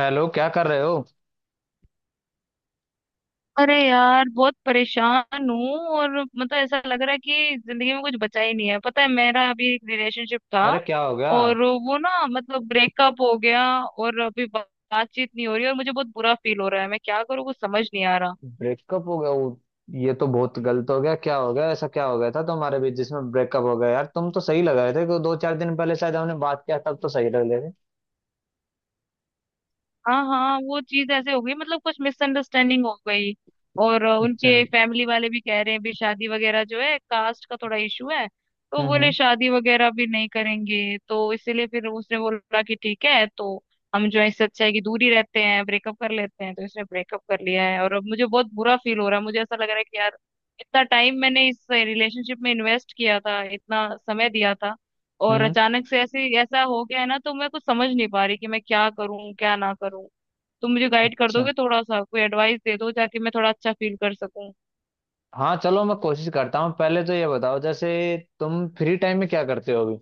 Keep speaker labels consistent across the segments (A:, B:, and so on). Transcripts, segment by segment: A: Hello, क्या कर रहे हो?
B: अरे यार, बहुत परेशान हूँ। और मतलब ऐसा लग रहा है कि जिंदगी में कुछ बचा ही नहीं है। पता है, मेरा अभी एक रिलेशनशिप था
A: अरे, क्या हो गया?
B: और वो ना मतलब ब्रेकअप हो गया। और अभी बातचीत नहीं हो रही और मुझे बहुत बुरा फील हो रहा है। मैं क्या करूँ? कुछ समझ नहीं आ रहा।
A: ब्रेकअप हो गया वो? ये तो बहुत गलत हो गया। क्या हो गया? ऐसा क्या हो गया था तुम्हारे बीच जिसमें ब्रेकअप हो गया? यार तुम तो सही लग रहे थे। कि दो चार दिन पहले शायद हमने बात किया, तब तो सही लग रहे थे।
B: हाँ हाँ, वो चीज ऐसे हो गई, मतलब कुछ मिसअंडरस्टैंडिंग हो गई। और
A: अच्छा।
B: उनके
A: हम्म।
B: फैमिली वाले भी कह रहे हैं भी शादी वगैरह जो है, कास्ट का थोड़ा इशू है। तो बोले
A: हम्म
B: शादी वगैरह भी नहीं करेंगे। तो इसीलिए फिर उसने बोला कि ठीक है, तो हम जो है, इससे अच्छा है कि दूर ही रहते हैं, ब्रेकअप कर लेते हैं। तो इसने ब्रेकअप कर लिया है और अब मुझे बहुत बुरा फील हो रहा है। मुझे ऐसा लग रहा है कि यार, इतना टाइम मैंने इस रिलेशनशिप में इन्वेस्ट किया था, इतना समय दिया था। और
A: हम्म।
B: अचानक से ऐसे ऐसा हो गया है ना, तो मैं कुछ समझ नहीं पा रही कि मैं क्या करूं, क्या ना करूं। तुम मुझे गाइड कर
A: अच्छा,
B: दोगे थोड़ा सा? कोई एडवाइस दे दो ताकि मैं थोड़ा अच्छा फील कर सकूं।
A: हाँ, चलो मैं कोशिश करता हूँ। पहले तो ये बताओ, जैसे तुम फ्री टाइम में क्या करते हो अभी?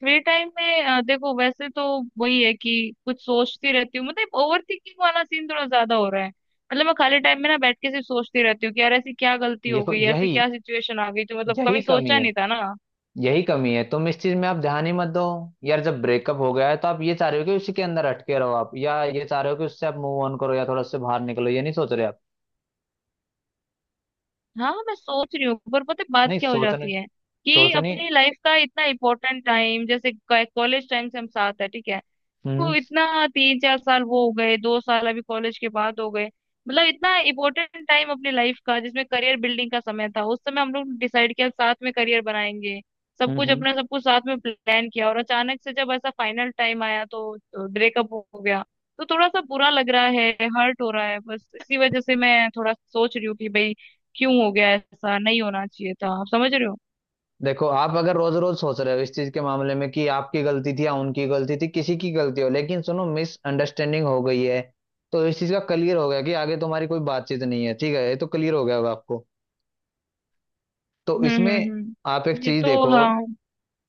B: फ्री टाइम में देखो, वैसे तो वही है कि कुछ सोचती रहती हूँ। मतलब ओवर थिंकिंग वाला सीन थोड़ा ज्यादा हो रहा है। मतलब मैं खाली टाइम में ना बैठ के सिर्फ सोचती रहती हूँ कि यार, ऐसी क्या गलती
A: ये
B: हो
A: तो
B: गई, ऐसी
A: यही
B: क्या सिचुएशन आ गई जो, मतलब,
A: यही
B: कभी
A: कमी
B: सोचा
A: है।
B: नहीं था ना।
A: यही कमी है, तुम इस चीज में आप ध्यान ही मत दो। यार जब ब्रेकअप हो गया है, तो आप ये चाह रहे हो कि उसी के अंदर अटके रहो आप, या ये चाह रहे हो कि उससे आप मूव ऑन करो, या थोड़ा उससे बाहर निकलो? ये नहीं सोच रहे आप?
B: हाँ, मैं सोच रही हूँ पर पता है बात
A: नहीं
B: क्या हो
A: सोचने,
B: जाती है कि
A: सोचनी।
B: अपनी लाइफ का इतना इम्पोर्टेंट टाइम, जैसे कॉलेज टाइम से हम साथ है, ठीक है वो
A: हम्म
B: इतना, 3 4 साल वो हो गए, 2 साल अभी कॉलेज के बाद हो गए। मतलब इतना इम्पोर्टेंट टाइम अपनी लाइफ का, जिसमें करियर बिल्डिंग का समय था, उस समय हम लोग डिसाइड किया साथ में करियर बनाएंगे। सब
A: हम्म
B: कुछ
A: हम्म।
B: अपना सब कुछ साथ में प्लान किया और अचानक से जब ऐसा फाइनल टाइम आया तो ब्रेकअप हो गया। तो थोड़ा सा बुरा लग रहा है, हर्ट हो रहा है। बस इसी वजह से मैं थोड़ा सोच रही हूँ कि भाई, क्यों हो गया? ऐसा नहीं होना चाहिए था। आप समझ रहे हो।
A: देखो, आप अगर रोज रोज सोच रहे हो इस चीज के मामले में कि आपकी गलती थी या उनकी गलती थी, किसी की गलती हो, लेकिन सुनो, मिसअंडरस्टैंडिंग हो गई है। तो इस चीज का क्लियर हो गया कि आगे तुम्हारी कोई बातचीत नहीं है। ठीक है, ये तो क्लियर हो गया होगा आपको। तो इसमें आप एक
B: हम्म। ये
A: चीज
B: तो,
A: देखो।
B: हाँ।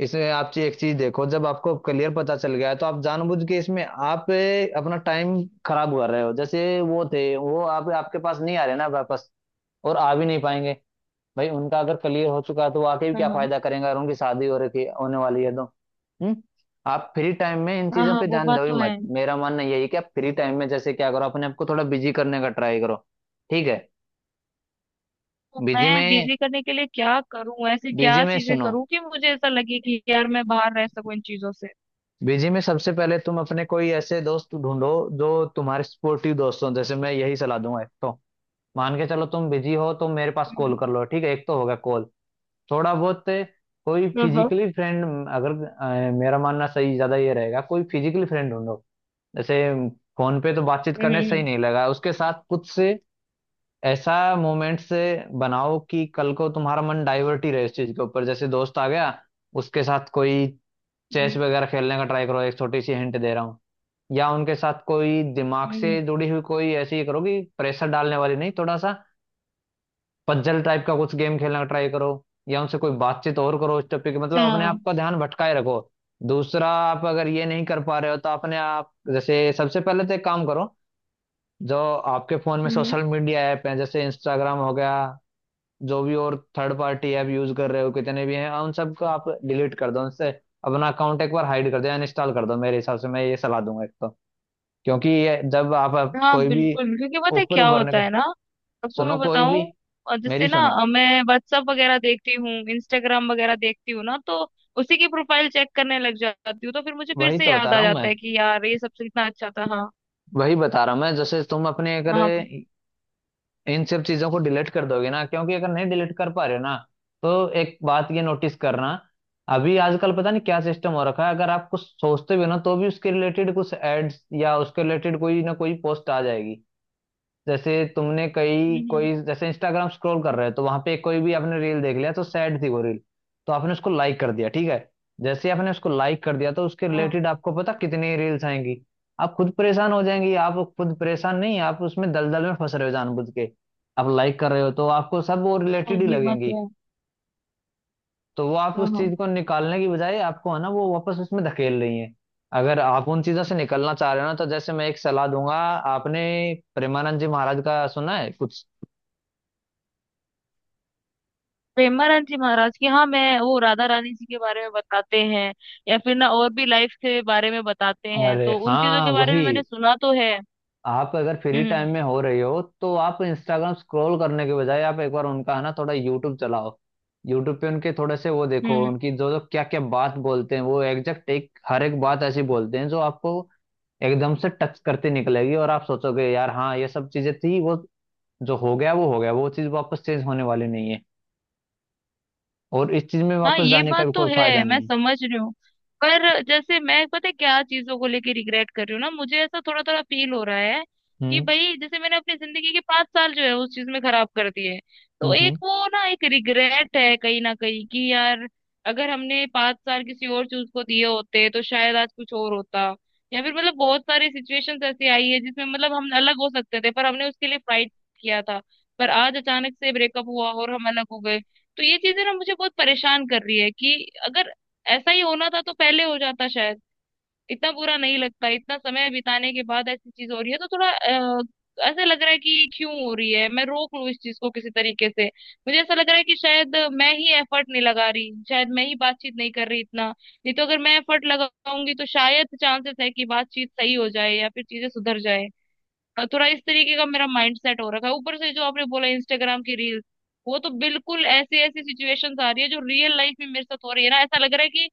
A: इसमें आप एक चीज देखो, जब आपको क्लियर पता चल गया है तो आप जानबूझ के इसमें आप अपना टाइम खराब कर रहे हो। जैसे वो थे, वो आप आपके पास नहीं आ रहे ना वापस, और आ भी नहीं पाएंगे। भाई उनका अगर क्लियर हो चुका है, तो वो आके भी
B: हाँ
A: क्या
B: हाँ
A: फायदा करेंगे, अगर उनकी शादी हो रखी होने वाली है तो। हम्म। आप फ्री टाइम में इन
B: हाँ।
A: चीजों
B: हाँ,
A: पे
B: वो
A: ध्यान
B: बात
A: दो ही
B: तो है।
A: मत। मेरा मानना यही है कि आप फ्री टाइम में जैसे क्या करो, अपने आप को थोड़ा बिजी करने का ट्राई करो। ठीक है?
B: तो
A: बिजी
B: मैं
A: में
B: बिजी करने के लिए क्या करूं? ऐसी
A: बिजी
B: क्या
A: में
B: चीजें
A: सुनो,
B: करूं कि मुझे ऐसा लगे कि यार, मैं बाहर रह सकूं इन चीजों से।
A: बीजी में सबसे पहले तुम अपने कोई ऐसे दोस्त ढूंढो जो तुम्हारे सपोर्टिव दोस्त हो। जैसे मैं यही सलाह दूंगा, एक तो मान के चलो तुम बिजी हो तो मेरे पास कॉल
B: हम्म।
A: कर लो। ठीक है, एक तो होगा कॉल। थोड़ा बहुत कोई
B: हाँ।
A: फिजिकली फ्रेंड, अगर मेरा मानना सही ज्यादा ये रहेगा, कोई फिजिकली फ्रेंड ढूंढो। जैसे फोन पे तो बातचीत करने सही
B: हम्म
A: नहीं लगा उसके साथ कुछ से, ऐसा मोमेंट से बनाओ कि कल को तुम्हारा मन डाइवर्ट ही रहे इस चीज के ऊपर। जैसे दोस्त आ गया, उसके साथ कोई चेस
B: हम्म,
A: वगैरह खेलने का ट्राई करो। एक छोटी सी हिंट दे रहा हूँ। या उनके साथ कोई दिमाग
B: हम्म,
A: से जुड़ी हुई कोई ऐसी करो कि प्रेशर डालने वाली नहीं, थोड़ा सा पजल टाइप का कुछ गेम खेलने का ट्राई करो। या उनसे कोई बातचीत और करो उस टॉपिक,
B: अच्छा,
A: मतलब अपने आप का ध्यान भटकाए रखो। दूसरा, आप अगर ये नहीं कर पा रहे हो, तो अपने आप, जैसे सबसे पहले तो एक काम करो, जो आपके फोन में
B: हम्म।
A: सोशल मीडिया ऐप है, जैसे इंस्टाग्राम हो गया, जो भी और थर्ड पार्टी ऐप यूज कर रहे हो कितने भी हैं, उन सबको आप डिलीट कर दो। उनसे अपना अकाउंट एक बार हाइड कर दो, या इंस्टॉल कर दो। मेरे हिसाब से मैं ये सलाह दूंगा एक तो, क्योंकि ये जब आप
B: हाँ
A: कोई भी
B: बिल्कुल, क्योंकि पता है
A: ऊपर
B: क्या
A: उभरने
B: होता
A: का,
B: है ना। आपको
A: सुनो
B: मैं
A: कोई भी,
B: बताऊं, जैसे
A: मेरी
B: ना
A: सुनो।
B: मैं व्हाट्सअप वगैरह देखती हूँ, इंस्टाग्राम वगैरह देखती हूँ ना, तो उसी की प्रोफाइल चेक करने लग जाती हूँ। तो फिर मुझे फिर
A: वही
B: से
A: तो बता
B: याद आ
A: रहा हूँ
B: जाता
A: मैं,
B: है कि यार, ये सबसे इतना अच्छा था। हाँ
A: वही बता रहा हूँ मैं। जैसे तुम अपने अगर
B: हाँ हाँ।
A: इन सब चीजों को डिलीट कर दोगे ना, क्योंकि अगर नहीं डिलीट कर पा रहे हो ना, तो एक बात ये नोटिस करना। अभी आजकल पता नहीं क्या सिस्टम हो रखा है, अगर आप कुछ सोचते भी हो ना, तो भी उसके रिलेटेड कुछ एड्स या उसके रिलेटेड कोई ना कोई पोस्ट आ जाएगी। जैसे तुमने
B: हम्म,
A: कई
B: हम्म,
A: कोई, जैसे इंस्टाग्राम स्क्रॉल कर रहे हो, तो वहां पे कोई भी आपने रील देख लिया, तो सैड थी वो रील, तो आपने उसको लाइक कर दिया, ठीक है? जैसे आपने उसको लाइक कर दिया, तो उसके
B: हाँ
A: रिलेटेड आपको पता कितनी रील्स आएंगी। आप खुद परेशान हो जाएंगी। आप खुद परेशान नहीं, आप उसमें दलदल में फंस रहे हो जानबूझ के। आप लाइक कर रहे हो, तो आपको सब वो
B: हाँ,
A: रिलेटेड ही
B: ये बात
A: लगेंगी।
B: तो है।
A: तो वो आप
B: हाँ
A: उस
B: हाँ।
A: चीज को निकालने की बजाय, आपको है ना, वो वापस उसमें धकेल रही है। अगर आप उन चीजों से निकलना चाह रहे हो ना, तो जैसे मैं एक सलाह दूंगा, आपने प्रेमानंद जी महाराज का सुना है कुछ?
B: पेमानंद जी महाराज की, हाँ, मैं वो राधा रानी जी के बारे में बताते हैं, या फिर ना और भी लाइफ के बारे में बताते हैं,
A: अरे
B: तो उन चीजों
A: हाँ
B: के बारे में मैंने
A: वही।
B: सुना तो है।
A: आप अगर फ्री
B: हम्म
A: टाइम में हो रही हो, तो आप इंस्टाग्राम स्क्रॉल करने के बजाय आप एक बार उनका है ना थोड़ा यूट्यूब चलाओ। यूट्यूब पे उनके थोड़े से वो
B: हम्म
A: देखो।
B: हम्म।
A: उनकी जो जो क्या क्या बात बोलते हैं, वो एग्जैक्ट एक हर एक बात ऐसी बोलते हैं जो आपको एकदम से टच करती निकलेगी। और आप सोचोगे, यार हाँ, ये सब चीजें थी वो। जो हो गया वो हो गया, वो चीज वापस चेंज होने वाली नहीं है। और इस चीज में
B: हाँ,
A: वापस
B: ये
A: जाने का
B: बात
A: भी
B: तो
A: कोई फायदा
B: है, मैं
A: नहीं है।
B: समझ रही हूँ। पर जैसे मैं, पता है क्या चीजों को लेके रिग्रेट कर रही हूँ ना, मुझे ऐसा थोड़ा थोड़ा फील हो रहा है कि
A: हम्म
B: भाई, जैसे मैंने अपनी जिंदगी के 5 साल जो है, उस चीज में खराब कर दिए। तो
A: हम्म हम्म।
B: एक वो ना एक रिग्रेट है कहीं ना कहीं कि यार, अगर हमने 5 साल किसी और चीज को दिए होते तो शायद आज कुछ और होता। या फिर मतलब बहुत सारी सिचुएशंस ऐसी आई है जिसमें मतलब हम अलग हो सकते थे पर हमने उसके लिए फाइट किया था। पर आज अचानक से ब्रेकअप हुआ और हम अलग हो गए। तो ये चीजें ना मुझे बहुत परेशान कर रही है कि अगर ऐसा ही होना था तो पहले हो जाता शायद, इतना बुरा नहीं लगता। इतना समय बिताने के बाद ऐसी चीज हो रही है तो थोड़ा ऐसा लग रहा है कि क्यों हो रही है? मैं रोक लूं इस चीज को किसी तरीके से? मुझे ऐसा लग रहा है कि शायद मैं ही एफर्ट नहीं लगा रही, शायद मैं ही बातचीत नहीं कर रही इतना नहीं, तो अगर मैं एफर्ट लगाऊंगी तो शायद चांसेस है कि बातचीत सही हो जाए या फिर चीजें सुधर जाए। थोड़ा इस तरीके का मेरा माइंड सेट हो रखा है। ऊपर से जो आपने बोला इंस्टाग्राम की रील्स, वो तो बिल्कुल ऐसी ऐसी सिचुएशंस आ रही है जो रियल लाइफ में मेरे साथ हो रही है ना, ऐसा लग रहा है कि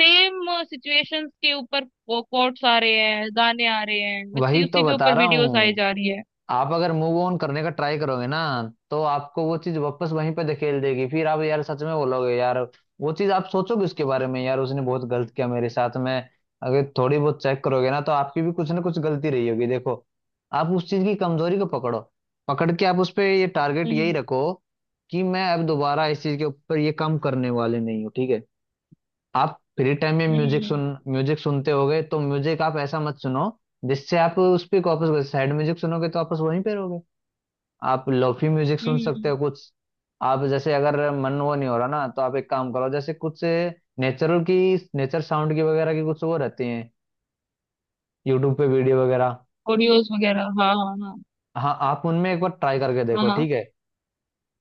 B: सेम सिचुएशंस के ऊपर कोट्स आ रहे हैं, गाने आ रहे हैं,
A: वही
B: वैसे
A: तो
B: उसी के
A: बता
B: ऊपर
A: रहा
B: वीडियोस आई
A: हूँ।
B: जा रही है।
A: आप अगर मूव ऑन करने का ट्राई करोगे ना, तो आपको वो चीज वापस वहीं पे धकेल देगी। फिर आप यार सच में बोलोगे, यार वो चीज आप सोचोगे उसके बारे में, यार उसने बहुत गलत किया मेरे साथ में। अगर थोड़ी बहुत चेक करोगे ना, तो आपकी भी कुछ ना कुछ गलती रही होगी। देखो, आप उस चीज की कमजोरी को पकड़ो। पकड़ के आप उस पे ये टारगेट यही
B: हम्म
A: रखो कि मैं अब दोबारा इस चीज के ऊपर ये काम करने वाले नहीं हूँ। ठीक है? आप फ्री टाइम में म्यूजिक सुन,
B: हम्म
A: म्यूजिक सुनते होगे तो म्यूजिक आप ऐसा मत सुनो जिससे आप उस पर वापस, सैड म्यूजिक सुनोगे तो वापस वहीं पे रहोगे। आप लोफी म्यूजिक सुन सकते
B: हम्म।
A: हो कुछ। आप जैसे अगर मन वो नहीं हो रहा ना, तो आप एक काम करो, जैसे कुछ नेचुरल की, नेचर साउंड की वगैरह की कुछ वो रहती हैं, यूट्यूब पे वीडियो वगैरह।
B: ऑडियोज वगैरह, हाँ हाँ।
A: हाँ, आप उनमें एक बार ट्राई करके
B: हाँ
A: देखो,
B: हाँ
A: ठीक है?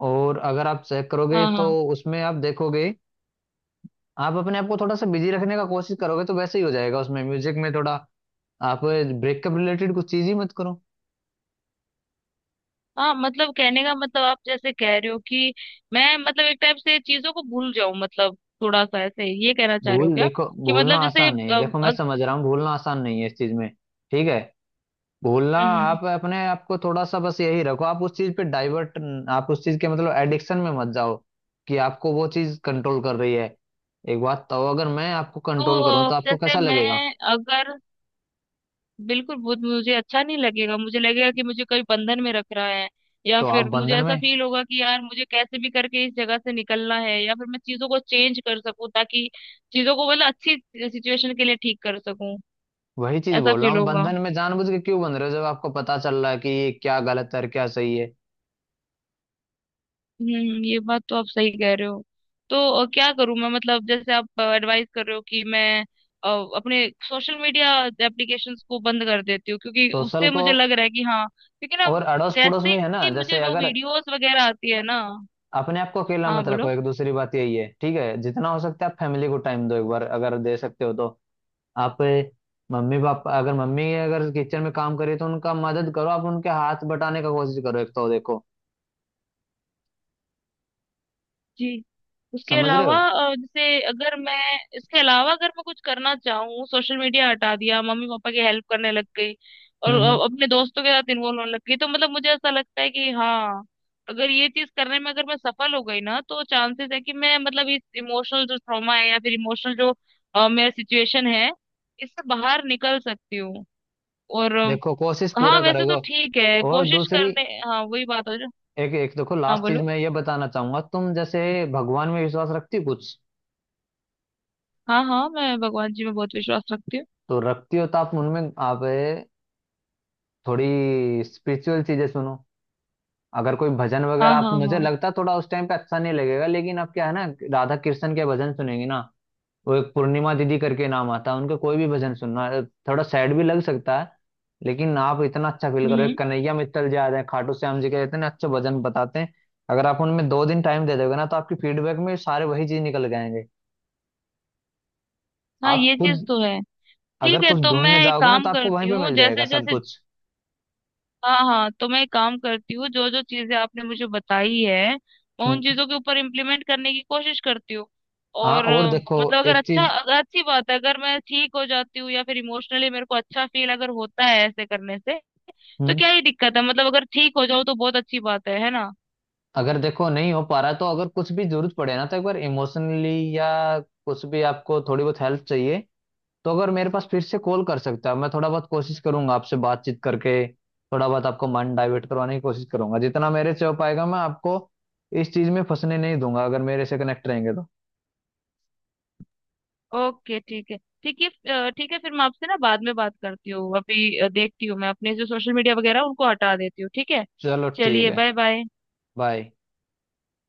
A: और अगर आप चेक करोगे,
B: हाँ
A: तो
B: हाँ
A: उसमें आप देखोगे, आप अपने आप को थोड़ा सा बिजी रखने का कोशिश करोगे तो वैसे ही हो जाएगा। उसमें म्यूजिक में थोड़ा आप ब्रेकअप रिलेटेड कुछ चीज ही मत करो।
B: हाँ। मतलब कहने का मतलब आप जैसे कह रहे हो कि मैं, मतलब एक टाइप से चीजों को भूल जाऊं, मतलब थोड़ा सा ऐसे, ये कहना चाह रहे हो
A: भूल,
B: क्या?
A: देखो,
B: कि
A: भूलना
B: मतलब जैसे
A: आसान नहीं है। देखो मैं
B: अग,
A: समझ रहा हूँ, भूलना आसान नहीं है इस चीज में। ठीक है? बोलना,
B: हम्म हम्म।
A: आप अपने आप को थोड़ा सा बस यही रखो, आप उस चीज पे डाइवर्ट, आप उस चीज के मतलब एडिक्शन में मत जाओ कि आपको वो चीज कंट्रोल कर रही है। एक बात तो, अगर मैं आपको
B: तो
A: कंट्रोल करूं तो आपको
B: जैसे
A: कैसा लगेगा?
B: मैं अगर, बिल्कुल वो मुझे अच्छा नहीं लगेगा। मुझे लगेगा कि मुझे कोई बंधन में रख रहा है या
A: तो आप
B: फिर मुझे
A: बंधन में,
B: ऐसा फील होगा कि यार, मुझे कैसे भी करके इस जगह से निकलना है या फिर मैं चीजों को चेंज कर सकूं ताकि चीजों को, मतलब, अच्छी सिचुएशन के लिए ठीक कर सकूं,
A: वही चीज
B: ऐसा
A: बोल रहा
B: फील
A: हूँ,
B: होगा।
A: बंधन में जानबूझ के क्यों बंध रहे हो, जब आपको पता चल रहा है कि ये क्या गलत है और क्या सही है।
B: हम्म, ये बात तो आप सही कह रहे हो। तो क्या करूं मैं? मतलब जैसे आप एडवाइस कर रहे हो कि मैं अ, अपने सोशल मीडिया एप्लीकेशंस को बंद कर देती हूँ, क्योंकि
A: सोशल
B: उससे
A: को,
B: मुझे लग रहा है कि हाँ, क्योंकि ना
A: और अड़ोस पड़ोस
B: जैसे
A: में है ना,
B: ही मुझे
A: जैसे
B: वो
A: अगर,
B: वीडियोस वगैरह आती है ना।
A: अपने आप को अकेला
B: हाँ
A: मत रखो।
B: बोलो।
A: एक दूसरी बात यही है, ठीक है? जितना हो सकता है आप फैमिली को टाइम दो, एक बार अगर दे सकते हो तो। आप मम्मी पापा, अगर मम्मी अगर किचन में काम करे तो उनका मदद करो। आप उनके हाथ बटाने का कोशिश करो, एक तो। देखो
B: जी। उसके
A: समझ रहे
B: अलावा
A: हो?
B: जैसे अगर मैं, इसके अलावा अगर मैं कुछ करना चाहूँ, सोशल मीडिया हटा दिया, मम्मी पापा की हेल्प करने लग गई और
A: हम्म हम्म।
B: अपने दोस्तों के साथ इन्वॉल्व होने लग गई, तो मतलब मुझे ऐसा लगता है कि हाँ, अगर ये चीज करने में अगर मैं सफल हो गई ना, तो चांसेस है कि मैं मतलब इस इमोशनल जो ट्रॉमा है या फिर इमोशनल जो मेरा सिचुएशन है, इससे बाहर निकल सकती हूँ। और
A: देखो कोशिश
B: हाँ
A: पूरा
B: वैसे तो
A: करोगे।
B: ठीक है
A: और
B: कोशिश
A: दूसरी,
B: करने, हाँ वही बात हो जो।
A: एक एक देखो,
B: हाँ
A: लास्ट चीज
B: बोलो।
A: मैं ये बताना चाहूंगा, तुम जैसे भगवान में विश्वास रखती हो कुछ?
B: हाँ हाँ, मैं भगवान जी में बहुत विश्वास रखती हूँ।
A: तो रखती हो, तो आप उनमें आप थोड़ी स्पिरिचुअल चीजें सुनो। अगर कोई भजन
B: हाँ
A: वगैरह, आप
B: हाँ
A: मुझे
B: हाँ।
A: लगता है थोड़ा उस टाइम पे अच्छा नहीं लगेगा, लेकिन आप क्या है ना, राधा कृष्ण के भजन सुनेंगे ना, वो एक पूर्णिमा दीदी करके नाम आता है, उनके कोई भी भजन सुनना। थोड़ा सैड भी लग सकता है, लेकिन आप इतना अच्छा फील करो। एक
B: हम्म।
A: कन्हैया मित्तल जी आ रहे हैं, खाटू श्याम जी के इतने अच्छे भजन बताते हैं। अगर आप उनमें दो दिन टाइम दे दोगे ना, तो आपकी फीडबैक में सारे वही चीज निकल जाएंगे।
B: हाँ
A: आप
B: ये चीज
A: खुद
B: तो है।
A: अगर
B: ठीक है,
A: कुछ
B: तो मैं
A: ढूंढने
B: एक
A: जाओगे ना,
B: काम
A: तो आपको वहीं
B: करती
A: पे
B: हूँ
A: मिल जाएगा
B: जैसे
A: सब
B: जैसे,
A: कुछ।
B: हाँ हाँ, तो मैं एक काम करती हूँ जो जो चीजें आपने मुझे बताई है, मैं उन
A: हम्म।
B: चीजों के ऊपर इम्प्लीमेंट करने की कोशिश करती हूँ।
A: हाँ,
B: और
A: और देखो,
B: मतलब अगर,
A: एक
B: अच्छा
A: चीज।
B: अगर अच्छी बात है, अगर मैं ठीक हो जाती हूँ या फिर इमोशनली मेरे को अच्छा फील अगर होता है ऐसे करने से, तो
A: हम्म।
B: क्या ही दिक्कत है? मतलब अगर ठीक हो जाओ तो बहुत अच्छी बात है ना।
A: अगर देखो नहीं हो पा रहा, तो अगर कुछ भी जरूरत पड़े ना, तो एक बार इमोशनली, या कुछ भी आपको थोड़ी बहुत हेल्प चाहिए, तो अगर मेरे पास फिर से कॉल कर सकता है, मैं थोड़ा बहुत कोशिश करूंगा आपसे बातचीत करके, थोड़ा बहुत आपका मन डाइवर्ट करवाने की कोशिश करूंगा, जितना मेरे से हो पाएगा। मैं आपको इस चीज में फंसने नहीं दूंगा अगर मेरे से कनेक्ट रहेंगे तो।
B: ओके ठीक है। ठीक है। ठीक है, फिर मैं आपसे ना बाद में बात करती हूँ। अभी देखती हूँ, मैं अपने जो सोशल मीडिया वगैरह उनको हटा देती हूँ, ठीक है।
A: चलो ठीक
B: चलिए,
A: है,
B: बाय बाय।
A: बाय।